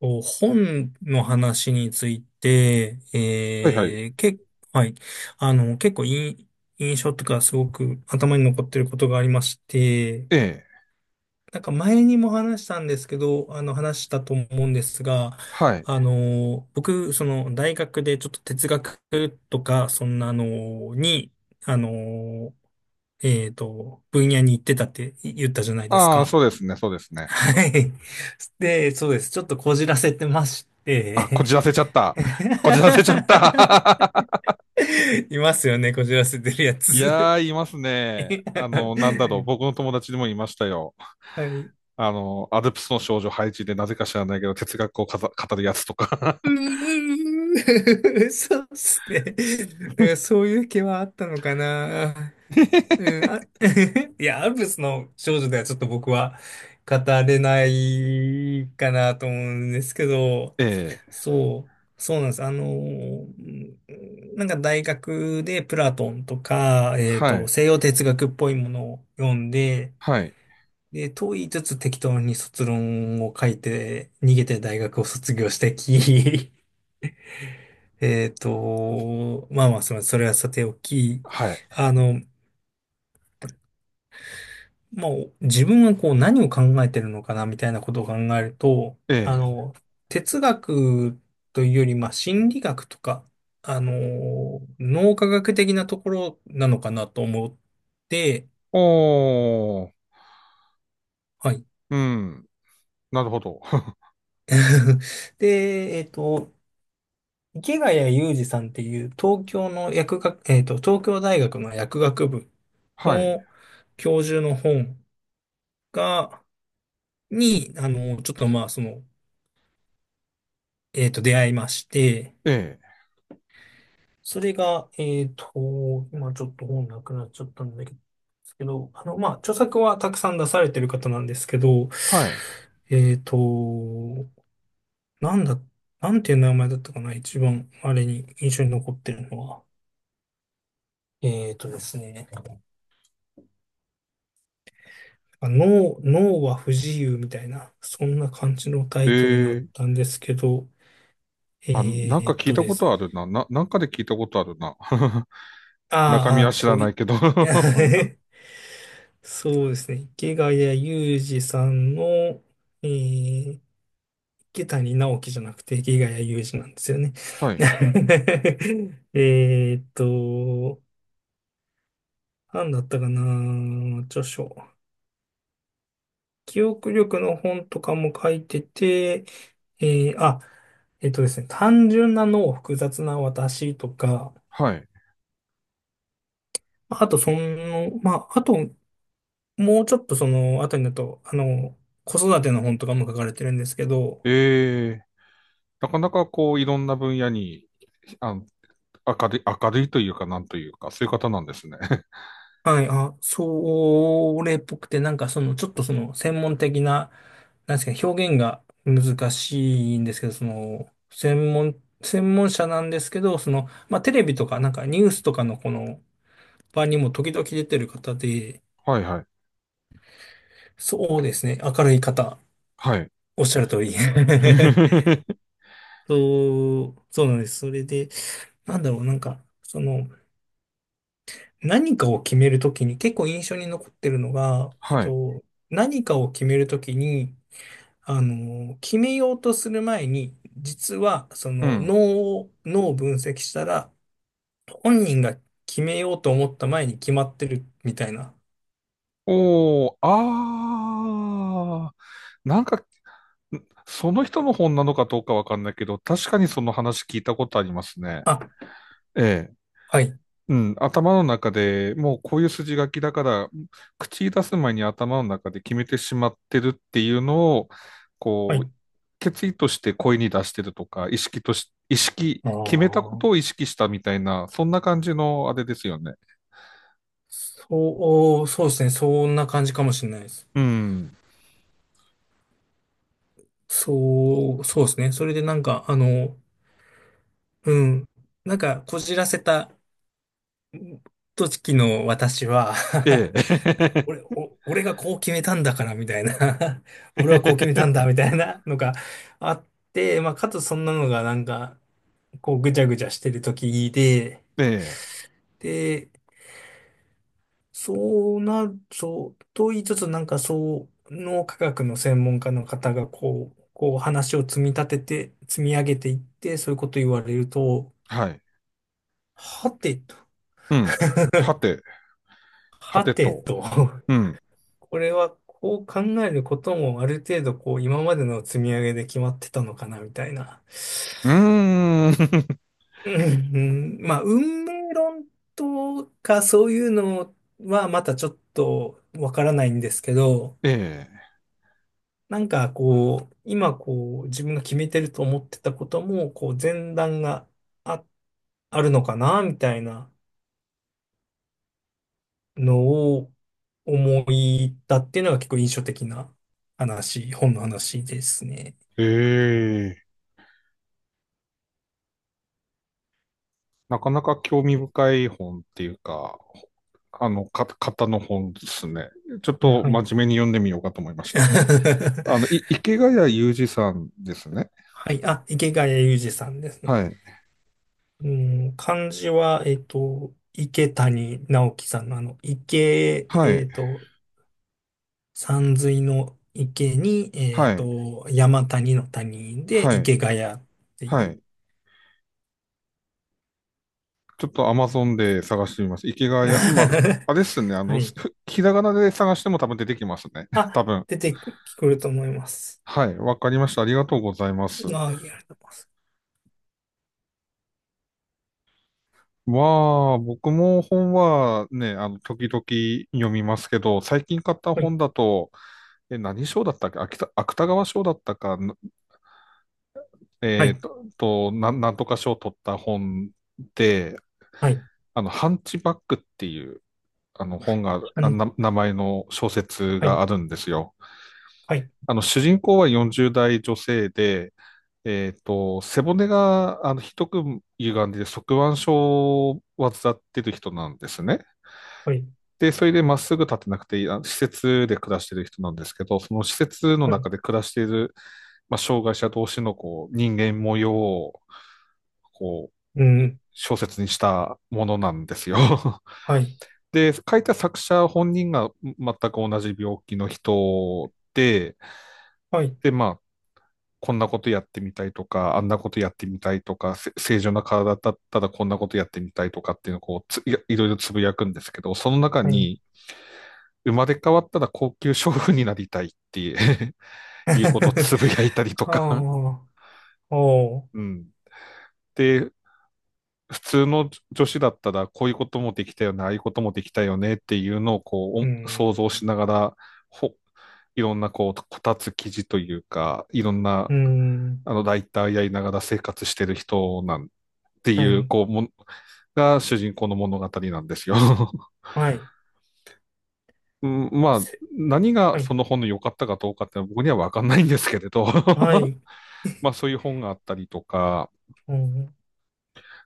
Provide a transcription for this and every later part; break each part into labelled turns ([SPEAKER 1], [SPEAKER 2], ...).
[SPEAKER 1] と、本の話について、
[SPEAKER 2] はいはい。
[SPEAKER 1] はい。結構いい印象とかすごく頭に残ってることがありまして、
[SPEAKER 2] ええ。
[SPEAKER 1] なんか前にも話したんですけど、話したと思うんですが、
[SPEAKER 2] はい。
[SPEAKER 1] 僕、大学でちょっと哲学とか、そんなのに、あの、分野に行ってたって言ったじゃないです
[SPEAKER 2] ああ、
[SPEAKER 1] か。
[SPEAKER 2] そうですね、そうですね。
[SPEAKER 1] はい。で、そうです。ちょっとこじらせてまし
[SPEAKER 2] あ、こじ
[SPEAKER 1] て、
[SPEAKER 2] らせちゃった。こじらせちゃった。
[SPEAKER 1] いますよね、こじらせてるや
[SPEAKER 2] いや
[SPEAKER 1] つ。
[SPEAKER 2] ー、いますね。なんだろう。僕の友達にもいましたよ。
[SPEAKER 1] はい。
[SPEAKER 2] アルプスの少女配置でなぜか知らないけど、哲学を語るやつとか。
[SPEAKER 1] そうっすね。なんか そういう気はあったのかな。うん、いや、アルプスの少女ではちょっと僕は語れないかなと思うんですけど、
[SPEAKER 2] ええ。
[SPEAKER 1] そう、そうなんです。うん、なんか大学でプラトンとか、
[SPEAKER 2] はい。
[SPEAKER 1] 西洋哲学っぽいものを読んで、
[SPEAKER 2] はい。
[SPEAKER 1] で、問いつつ適当に卒論を書いて、逃げて大学を卒業してき、まあまあ、それはさておき、
[SPEAKER 2] はい。
[SPEAKER 1] あの、まあ、自分はこう何を考えてるのかなみたいなことを考えると、
[SPEAKER 2] ええ。
[SPEAKER 1] 哲学というより、まあ、心理学とか、あの、脳科学的なところなのかなと思って、
[SPEAKER 2] おー。
[SPEAKER 1] はい。
[SPEAKER 2] うん。なるほど。
[SPEAKER 1] で、池谷裕二さんっていう東京の薬学、東京大学の薬学部
[SPEAKER 2] はい。
[SPEAKER 1] の教授の本が、に、ちょっとまあ、出会いまして、
[SPEAKER 2] ええ。
[SPEAKER 1] それが、今ちょっと本なくなっちゃったんだけど、まあ、著作はたくさん出されてる方なんですけど、
[SPEAKER 2] はい。
[SPEAKER 1] えっと、なんだ、なんていう名前だったかな、一番、あれに印象に残ってるのは。えっとですね、脳は不自由みたいな、そんな感じのタイトルだっ
[SPEAKER 2] ええ。
[SPEAKER 1] たんですけど、
[SPEAKER 2] あ、なん
[SPEAKER 1] え
[SPEAKER 2] か
[SPEAKER 1] っ
[SPEAKER 2] 聞い
[SPEAKER 1] と
[SPEAKER 2] た
[SPEAKER 1] で
[SPEAKER 2] こ
[SPEAKER 1] す
[SPEAKER 2] と
[SPEAKER 1] ね
[SPEAKER 2] あるな。なんかで聞いたことあるな。中身は知ら
[SPEAKER 1] 遠
[SPEAKER 2] ない
[SPEAKER 1] い。
[SPEAKER 2] けど。
[SPEAKER 1] そうですね。池谷裕二さんの、えー、池谷直樹じゃなくて池谷裕二なんですよね。
[SPEAKER 2] はい。
[SPEAKER 1] えーっと、何だったかな、著書。記憶力の本とかも書いてて、えーあ、えっとですね、単純な脳、複雑な私とか、
[SPEAKER 2] はい。
[SPEAKER 1] まああとその、まあ、あともうちょっとその後になると、子育ての本とかも書かれてるんですけど、
[SPEAKER 2] えー、なかなかこう、いろんな分野に、あの、明るい、明るいというか、なんというか、そういう方なんですね。
[SPEAKER 1] はい、それっぽくて、なんかその、ちょっとその、専門的な、なんですかね、表現が難しいんですけど、専門者なんですけど、まあ、テレビとか、なんかニュースとかのこの場にも時々出てる方で、
[SPEAKER 2] はいはい。
[SPEAKER 1] そうですね、明るい方、
[SPEAKER 2] はい。
[SPEAKER 1] おっしゃる通り。そう、そうなんです。それで、なんだろう、なんか、何かを決めるときに結構印象に残ってるのが、
[SPEAKER 2] はい。
[SPEAKER 1] 何かを決めるときに、決めようとする前に、実はそ
[SPEAKER 2] う
[SPEAKER 1] の脳
[SPEAKER 2] ん。
[SPEAKER 1] を、脳を分析したら、本人が決めようと思った前に決まってるみたいな。
[SPEAKER 2] おー、あー、なんかその人の本なのかどうかわかんないけど、確かにその話聞いたことありますね。
[SPEAKER 1] あ、
[SPEAKER 2] ええ。
[SPEAKER 1] はい、
[SPEAKER 2] うん、頭の中でもうこういう筋書きだから、口に出す前に頭の中で決めてしまってるっていうのを、
[SPEAKER 1] は
[SPEAKER 2] こう、
[SPEAKER 1] い。
[SPEAKER 2] 決意として声に出してるとか、意識、
[SPEAKER 1] ああ、
[SPEAKER 2] 決めたこ
[SPEAKER 1] そ
[SPEAKER 2] とを意識したみたいな、そんな感じのあれですよね。
[SPEAKER 1] う、そうですね。そんな感じかもしれないです。
[SPEAKER 2] うん。
[SPEAKER 1] そう、そうですね。それでなんか、うん。なんか、こじらせた時の私は
[SPEAKER 2] え え。
[SPEAKER 1] 俺がこう決めたんだから、みたいな 俺はこう決めたんだ、みたいなのがあって、まあ、かつそんなのがなんか、こうぐちゃぐちゃしてる時で、
[SPEAKER 2] ええ。
[SPEAKER 1] で、そうなる、そう、と言いつつなんかその科学の専門家の方がこう話を積み立てて、積み上げていって、そういうこと言われると、
[SPEAKER 2] はい。
[SPEAKER 1] はてと、
[SPEAKER 2] うん。はて、は
[SPEAKER 1] は
[SPEAKER 2] て
[SPEAKER 1] て
[SPEAKER 2] と。
[SPEAKER 1] と
[SPEAKER 2] うん。
[SPEAKER 1] これはこう考えることもある程度こう今までの積み上げで決まってたのかなみたいな。
[SPEAKER 2] うーん。
[SPEAKER 1] うん、まあ運命論とかそういうのはまたちょっとわからないんですけど、
[SPEAKER 2] ええ、
[SPEAKER 1] なんかこう今こう自分が決めてると思ってたこともこう前段があ、あるのかなみたいなのを思いたっていうのが結構印象的な話、本の話ですね。
[SPEAKER 2] ええ、なかなか興味深い本っていうか、あの、型の本ですね。ちょっと
[SPEAKER 1] はい。
[SPEAKER 2] 真面目に読んでみようかと思いました。あの、池谷裕二さんですね。
[SPEAKER 1] はい。あ、池谷裕二さんですね。
[SPEAKER 2] はい。
[SPEAKER 1] うん、漢字は、池谷直樹さんのあの、池、
[SPEAKER 2] は
[SPEAKER 1] え
[SPEAKER 2] い。
[SPEAKER 1] っと、山水の池に、
[SPEAKER 2] はい。
[SPEAKER 1] 山谷の谷で
[SPEAKER 2] はい。
[SPEAKER 1] 池谷って
[SPEAKER 2] は
[SPEAKER 1] いう。
[SPEAKER 2] い。ちょっと Amazon で探してみます。池谷、まあ、あれですね。
[SPEAKER 1] はい。
[SPEAKER 2] ひらがなで探しても多分出てきますね。多
[SPEAKER 1] あ、
[SPEAKER 2] 分。
[SPEAKER 1] 出てくると思います。
[SPEAKER 2] はい。わかりました。ありがとうございます。
[SPEAKER 1] あ、ありがとうございます。
[SPEAKER 2] まあ、僕も本はね、時々読みますけど、最近買った
[SPEAKER 1] は
[SPEAKER 2] 本
[SPEAKER 1] い。
[SPEAKER 2] だと、え、何賞だったっけ、秋田芥川賞だったか、
[SPEAKER 1] は
[SPEAKER 2] えっ
[SPEAKER 1] い。
[SPEAKER 2] と、なんとか賞を取った本で、
[SPEAKER 1] はい。
[SPEAKER 2] ハンチバックっていう、あの、本が、
[SPEAKER 1] あ
[SPEAKER 2] あ
[SPEAKER 1] ん
[SPEAKER 2] な、名前の小説
[SPEAKER 1] は
[SPEAKER 2] があ
[SPEAKER 1] い。
[SPEAKER 2] るんですよ。
[SPEAKER 1] はい。
[SPEAKER 2] あの、主人公は40代女性で、えっと、背骨が、あの、ひどく歪んで、側弯症を患ってる人なんですね。
[SPEAKER 1] はい。
[SPEAKER 2] で、それでまっすぐ立てなくていい、あの施設で暮らしてる人なんですけど、その施設の
[SPEAKER 1] は
[SPEAKER 2] 中
[SPEAKER 1] い。
[SPEAKER 2] で暮らしている、まあ、障害者同士のこう人間模様をこう
[SPEAKER 1] うん。
[SPEAKER 2] 小説にしたものなんですよ。
[SPEAKER 1] はい。
[SPEAKER 2] で、書いた作者本人が全く同じ病気の人で、
[SPEAKER 1] はい。
[SPEAKER 2] で、まあ、こんなことやってみたいとか、あんなことやってみたいとか、正常な体だったらこんなことやってみたいとかっていうのをこうやいろいろつぶやくんですけど、その中
[SPEAKER 1] はい。
[SPEAKER 2] に、生まれ変わったら高級娼婦になりたいっていう いうことを つぶやいたりとか。
[SPEAKER 1] はあ。お ー
[SPEAKER 2] うん。で、普通の女子だったらこういうこともできたよね、ああいうこともできたよねっていうのを
[SPEAKER 1] う
[SPEAKER 2] こ
[SPEAKER 1] ー
[SPEAKER 2] う想像し
[SPEAKER 1] ん。
[SPEAKER 2] ながら、ほいろんなこう、こたつ記事というか、いろんな
[SPEAKER 1] うーん。
[SPEAKER 2] あのライターやりながら生活してる人なんて
[SPEAKER 1] は
[SPEAKER 2] いう、
[SPEAKER 1] い。
[SPEAKER 2] こう、もが主人公の物語なんですよ。
[SPEAKER 1] はい。
[SPEAKER 2] うんまあ、
[SPEAKER 1] せ
[SPEAKER 2] 何が
[SPEAKER 1] は
[SPEAKER 2] そ
[SPEAKER 1] い。
[SPEAKER 2] の本の良かったかどうかって僕には分かんないんですけれど。
[SPEAKER 1] はい。
[SPEAKER 2] まあそういう本があったりとか、
[SPEAKER 1] うん。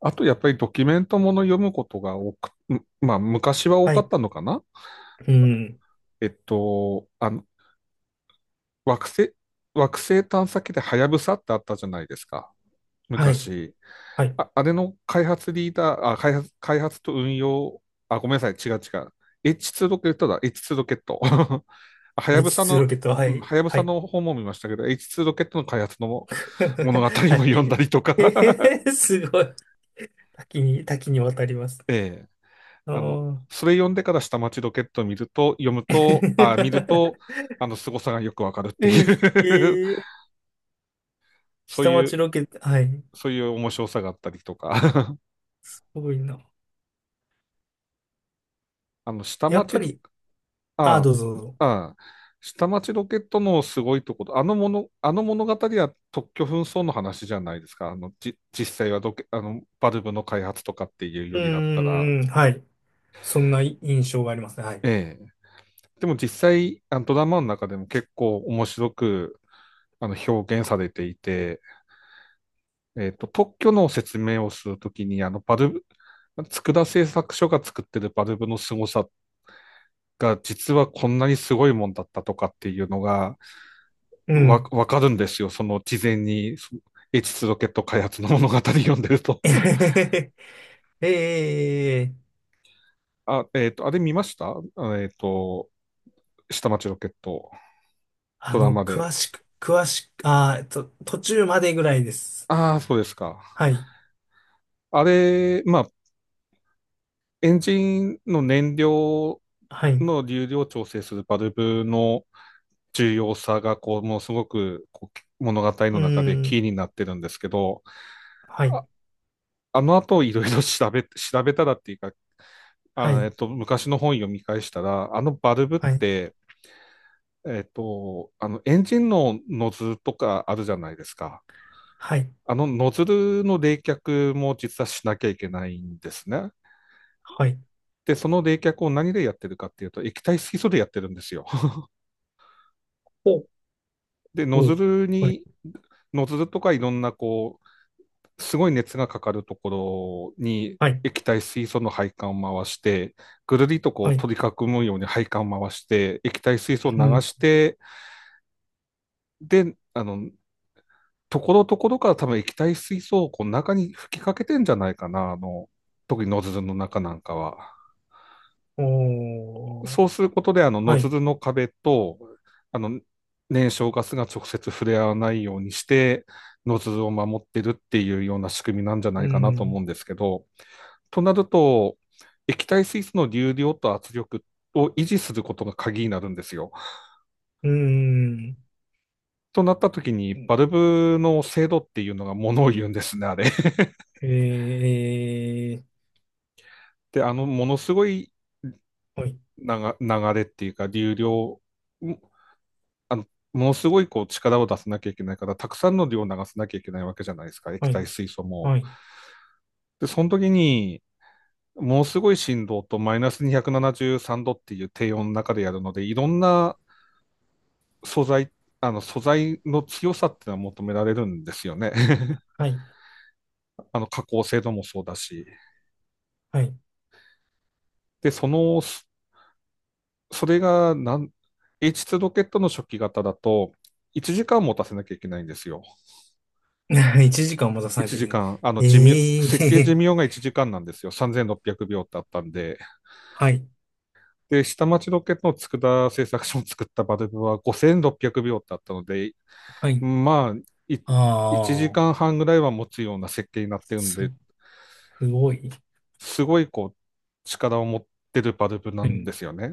[SPEAKER 2] あとやっぱりドキュメントもの読むことが多く、んまあ昔は多
[SPEAKER 1] は
[SPEAKER 2] かっ
[SPEAKER 1] い。
[SPEAKER 2] たのかな。
[SPEAKER 1] うん。
[SPEAKER 2] えっと、惑星、惑星探査機でハヤブサってあったじゃないですか、
[SPEAKER 1] はい。
[SPEAKER 2] 昔。
[SPEAKER 1] はい。
[SPEAKER 2] あれの開発リーダー、あ、開発、開発と運用、あ、ごめんなさい、違う違う。H2 ロケットだ、H2 ロケット。はやぶさ
[SPEAKER 1] H2 ロ
[SPEAKER 2] の、
[SPEAKER 1] ケット。は
[SPEAKER 2] うん、
[SPEAKER 1] い。
[SPEAKER 2] はやぶ
[SPEAKER 1] は
[SPEAKER 2] さ
[SPEAKER 1] い。
[SPEAKER 2] の本も見ましたけど、H2 ロケットの開発の 物語も
[SPEAKER 1] は
[SPEAKER 2] 読んだ
[SPEAKER 1] い。
[SPEAKER 2] りとか。
[SPEAKER 1] えへへすごい。多岐に、多岐にわたりますね。
[SPEAKER 2] ええ、
[SPEAKER 1] あ
[SPEAKER 2] あの、
[SPEAKER 1] あ。
[SPEAKER 2] それ読んでから下町ロケットを見ると、あの、凄さがよくわかるって いう。
[SPEAKER 1] ええー、
[SPEAKER 2] そう
[SPEAKER 1] 下
[SPEAKER 2] いう、
[SPEAKER 1] 町ロケット。はい。
[SPEAKER 2] そういう面白さがあったりとか。
[SPEAKER 1] すごいな。
[SPEAKER 2] あの、下
[SPEAKER 1] やっぱ
[SPEAKER 2] 町ロ、
[SPEAKER 1] り、ああ、
[SPEAKER 2] あ、
[SPEAKER 1] どうぞ。
[SPEAKER 2] あ、下町ロケットのすごいところ、あのもの、あの物語は特許紛争の話じゃないですか。実際はロケ、あの、バルブの開発とかっていうよ
[SPEAKER 1] う
[SPEAKER 2] りだったら、
[SPEAKER 1] ーん。はい。そんな印象がありますね。はい。
[SPEAKER 2] ええ。でも実際、あのドラマの中でも結構面白く、あの、表現されていて、えっと、特許の説明をするときに、あの、バルブ、佃製作所が作ってるバルブの凄さが、実はこんなにすごいもんだったとかっていうのが、
[SPEAKER 1] うん。
[SPEAKER 2] わかるんですよ。その事前に、 H2 ロケット開発の物語読んでると。
[SPEAKER 1] えへへへ
[SPEAKER 2] あ、えっと、あれ見ましたあえっと、下町ロケット、ドラマで。
[SPEAKER 1] 詳しく、詳しく、途中までぐらいです。
[SPEAKER 2] ああ、そうですか。
[SPEAKER 1] はい、
[SPEAKER 2] あれ、まあ、エンジンの燃料
[SPEAKER 1] はい、う
[SPEAKER 2] の流量を調整するバルブの重要さが、こう、もうすごく、こう、物語
[SPEAKER 1] ー
[SPEAKER 2] の中でキー
[SPEAKER 1] ん、
[SPEAKER 2] になってるんですけど、
[SPEAKER 1] はい、
[SPEAKER 2] あ、あの後いろいろ調べたらっていうか、
[SPEAKER 1] は
[SPEAKER 2] え
[SPEAKER 1] い、
[SPEAKER 2] っと、昔の本読み返したら、あのバルブっ
[SPEAKER 1] はい、
[SPEAKER 2] て、えっと、あの、エンジンのノズルとかあるじゃないですか。
[SPEAKER 1] はい、
[SPEAKER 2] あのノズルの冷却も実はしなきゃいけないんですね。
[SPEAKER 1] はい、
[SPEAKER 2] で、その冷却を何でやってるかっていうと、液体水素でやってるんですよ。
[SPEAKER 1] お、
[SPEAKER 2] で、
[SPEAKER 1] お、はい、
[SPEAKER 2] ノズルとかいろんなこすごい熱がかかるところに
[SPEAKER 1] はい、
[SPEAKER 2] 液体水素の配管を回して、ぐるりとこ
[SPEAKER 1] は
[SPEAKER 2] う
[SPEAKER 1] い、
[SPEAKER 2] 取り囲むように配管を回して、液体水素を流
[SPEAKER 1] うん、
[SPEAKER 2] して、で、あの、ところどころから多分液体水素をこう中に吹きかけてんじゃないかな、あの、特にノズルの中なんかは。
[SPEAKER 1] おー、
[SPEAKER 2] そうすることで、あの、ノ
[SPEAKER 1] は
[SPEAKER 2] ズ
[SPEAKER 1] い、
[SPEAKER 2] ルの壁と、あの、燃焼ガスが直接触れ合わないようにして、ノズルを守ってるっていうような仕組みなんじゃな
[SPEAKER 1] う
[SPEAKER 2] いかなと思う
[SPEAKER 1] ん、
[SPEAKER 2] んですけど、となると、液体水素の流量と圧力を維持することが鍵になるんですよ。
[SPEAKER 1] うん、
[SPEAKER 2] となった時に、バルブの精度っていうのがものを言うんですね、あれ。
[SPEAKER 1] えー、
[SPEAKER 2] で、あの、ものすごい
[SPEAKER 1] はい、
[SPEAKER 2] 流流れっていうか、流量、あのものすごいこう力を出さなきゃいけないから、たくさんの量を流さなきゃいけないわけじゃないですか、液
[SPEAKER 1] は
[SPEAKER 2] 体
[SPEAKER 1] い、
[SPEAKER 2] 水素も。
[SPEAKER 1] はい、
[SPEAKER 2] で、その時に、ものすごい振動とマイナス273度っていう低温の中でやるので、いろんな素材、あの素材の強さっていうのは求められるんですよね。
[SPEAKER 1] はい、
[SPEAKER 2] あの加工精度もそうだし。
[SPEAKER 1] はい。
[SPEAKER 2] で、それがなん、 H2 ロケットの初期型だと、1時間持たせなきゃいけないんですよ。
[SPEAKER 1] 1時間も出さない
[SPEAKER 2] 1
[SPEAKER 1] といけな
[SPEAKER 2] 時
[SPEAKER 1] い。
[SPEAKER 2] 間、あの寿命、
[SPEAKER 1] え
[SPEAKER 2] 設計寿
[SPEAKER 1] え
[SPEAKER 2] 命が
[SPEAKER 1] ー、
[SPEAKER 2] 1時間なんですよ。3600秒っぴゃくびょうってあったんで。
[SPEAKER 1] はい、
[SPEAKER 2] で、下町ロケットの佃製作所を作ったバルブは5600秒っぴゃくびょうってあったので、
[SPEAKER 1] はい。
[SPEAKER 2] まあ、い
[SPEAKER 1] あ
[SPEAKER 2] 1時
[SPEAKER 1] あ、
[SPEAKER 2] 間半ぐらいは持つような設計になってるん
[SPEAKER 1] す、
[SPEAKER 2] で、
[SPEAKER 1] すごい。
[SPEAKER 2] すごいこう、力を持ってるバルブな
[SPEAKER 1] は
[SPEAKER 2] んで
[SPEAKER 1] い、
[SPEAKER 2] すよね。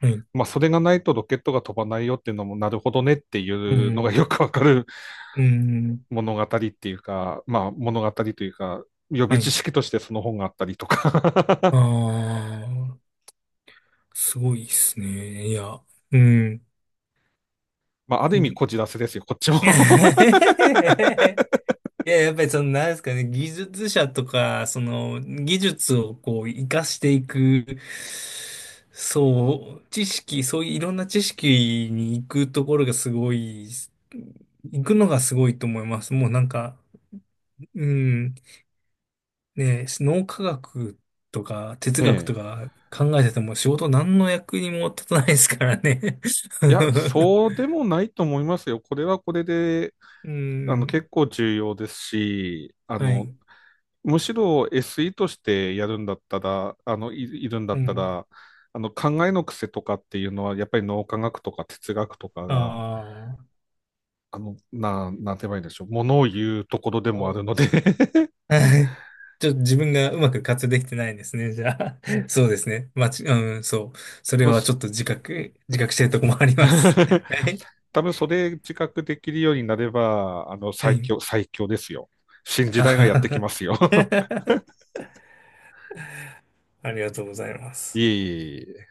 [SPEAKER 1] はい、
[SPEAKER 2] まあ、それがないとロケットが飛ばないよっていうのも、なるほどねって
[SPEAKER 1] う
[SPEAKER 2] いうのがよ
[SPEAKER 1] ん、
[SPEAKER 2] くわかる
[SPEAKER 1] うん、
[SPEAKER 2] 物語っていうか、まあ、物語というか、予備
[SPEAKER 1] は
[SPEAKER 2] 知
[SPEAKER 1] い。
[SPEAKER 2] 識としてその本があったりとか。
[SPEAKER 1] ああ、すごいっすね。いや、うん。
[SPEAKER 2] まあ、ある
[SPEAKER 1] う
[SPEAKER 2] 意味
[SPEAKER 1] ん
[SPEAKER 2] こ じらせですよ、こっちも。
[SPEAKER 1] い や、やっぱりなんですかね、技術者とか、その、技術をこう、活かしていく、そう、知識、そういういろんな知識に行くところがすごい、行くのがすごいと思います。もうなんか、うん。ね、脳科学とか哲
[SPEAKER 2] え
[SPEAKER 1] 学と
[SPEAKER 2] え。
[SPEAKER 1] か考えてても仕事何の役にも立たないですからね。
[SPEAKER 2] いや、そうでもないと思いますよ。これはこれで、
[SPEAKER 1] う
[SPEAKER 2] あの、
[SPEAKER 1] ん。
[SPEAKER 2] 結構重要ですし、あ
[SPEAKER 1] は
[SPEAKER 2] の、
[SPEAKER 1] い。
[SPEAKER 2] むしろ SE としてやるんだったら、いるんだ
[SPEAKER 1] う
[SPEAKER 2] った
[SPEAKER 1] ん。
[SPEAKER 2] ら、あの、考えの癖とかっていうのは、やっぱり脳科学とか哲学とかが、
[SPEAKER 1] ああ。
[SPEAKER 2] あの、なんて言えばいいんでしょう。ものを言うところで もある
[SPEAKER 1] そ
[SPEAKER 2] ので。
[SPEAKER 1] うはい。ちょっと自分がうまく活用できてないんですね。じゃあ。そうですね。うん、そう。そ
[SPEAKER 2] 多
[SPEAKER 1] れ
[SPEAKER 2] 分
[SPEAKER 1] は
[SPEAKER 2] そ、
[SPEAKER 1] ちょっと自覚してるとこもあります。はい。
[SPEAKER 2] 多分それ自覚できるようになれば、あの、
[SPEAKER 1] は
[SPEAKER 2] 最
[SPEAKER 1] い。
[SPEAKER 2] 強、最強ですよ。新 時
[SPEAKER 1] あ
[SPEAKER 2] 代が
[SPEAKER 1] は
[SPEAKER 2] やってきますよ。
[SPEAKER 1] は ありがとうございま
[SPEAKER 2] い
[SPEAKER 1] す。
[SPEAKER 2] えいえいえ。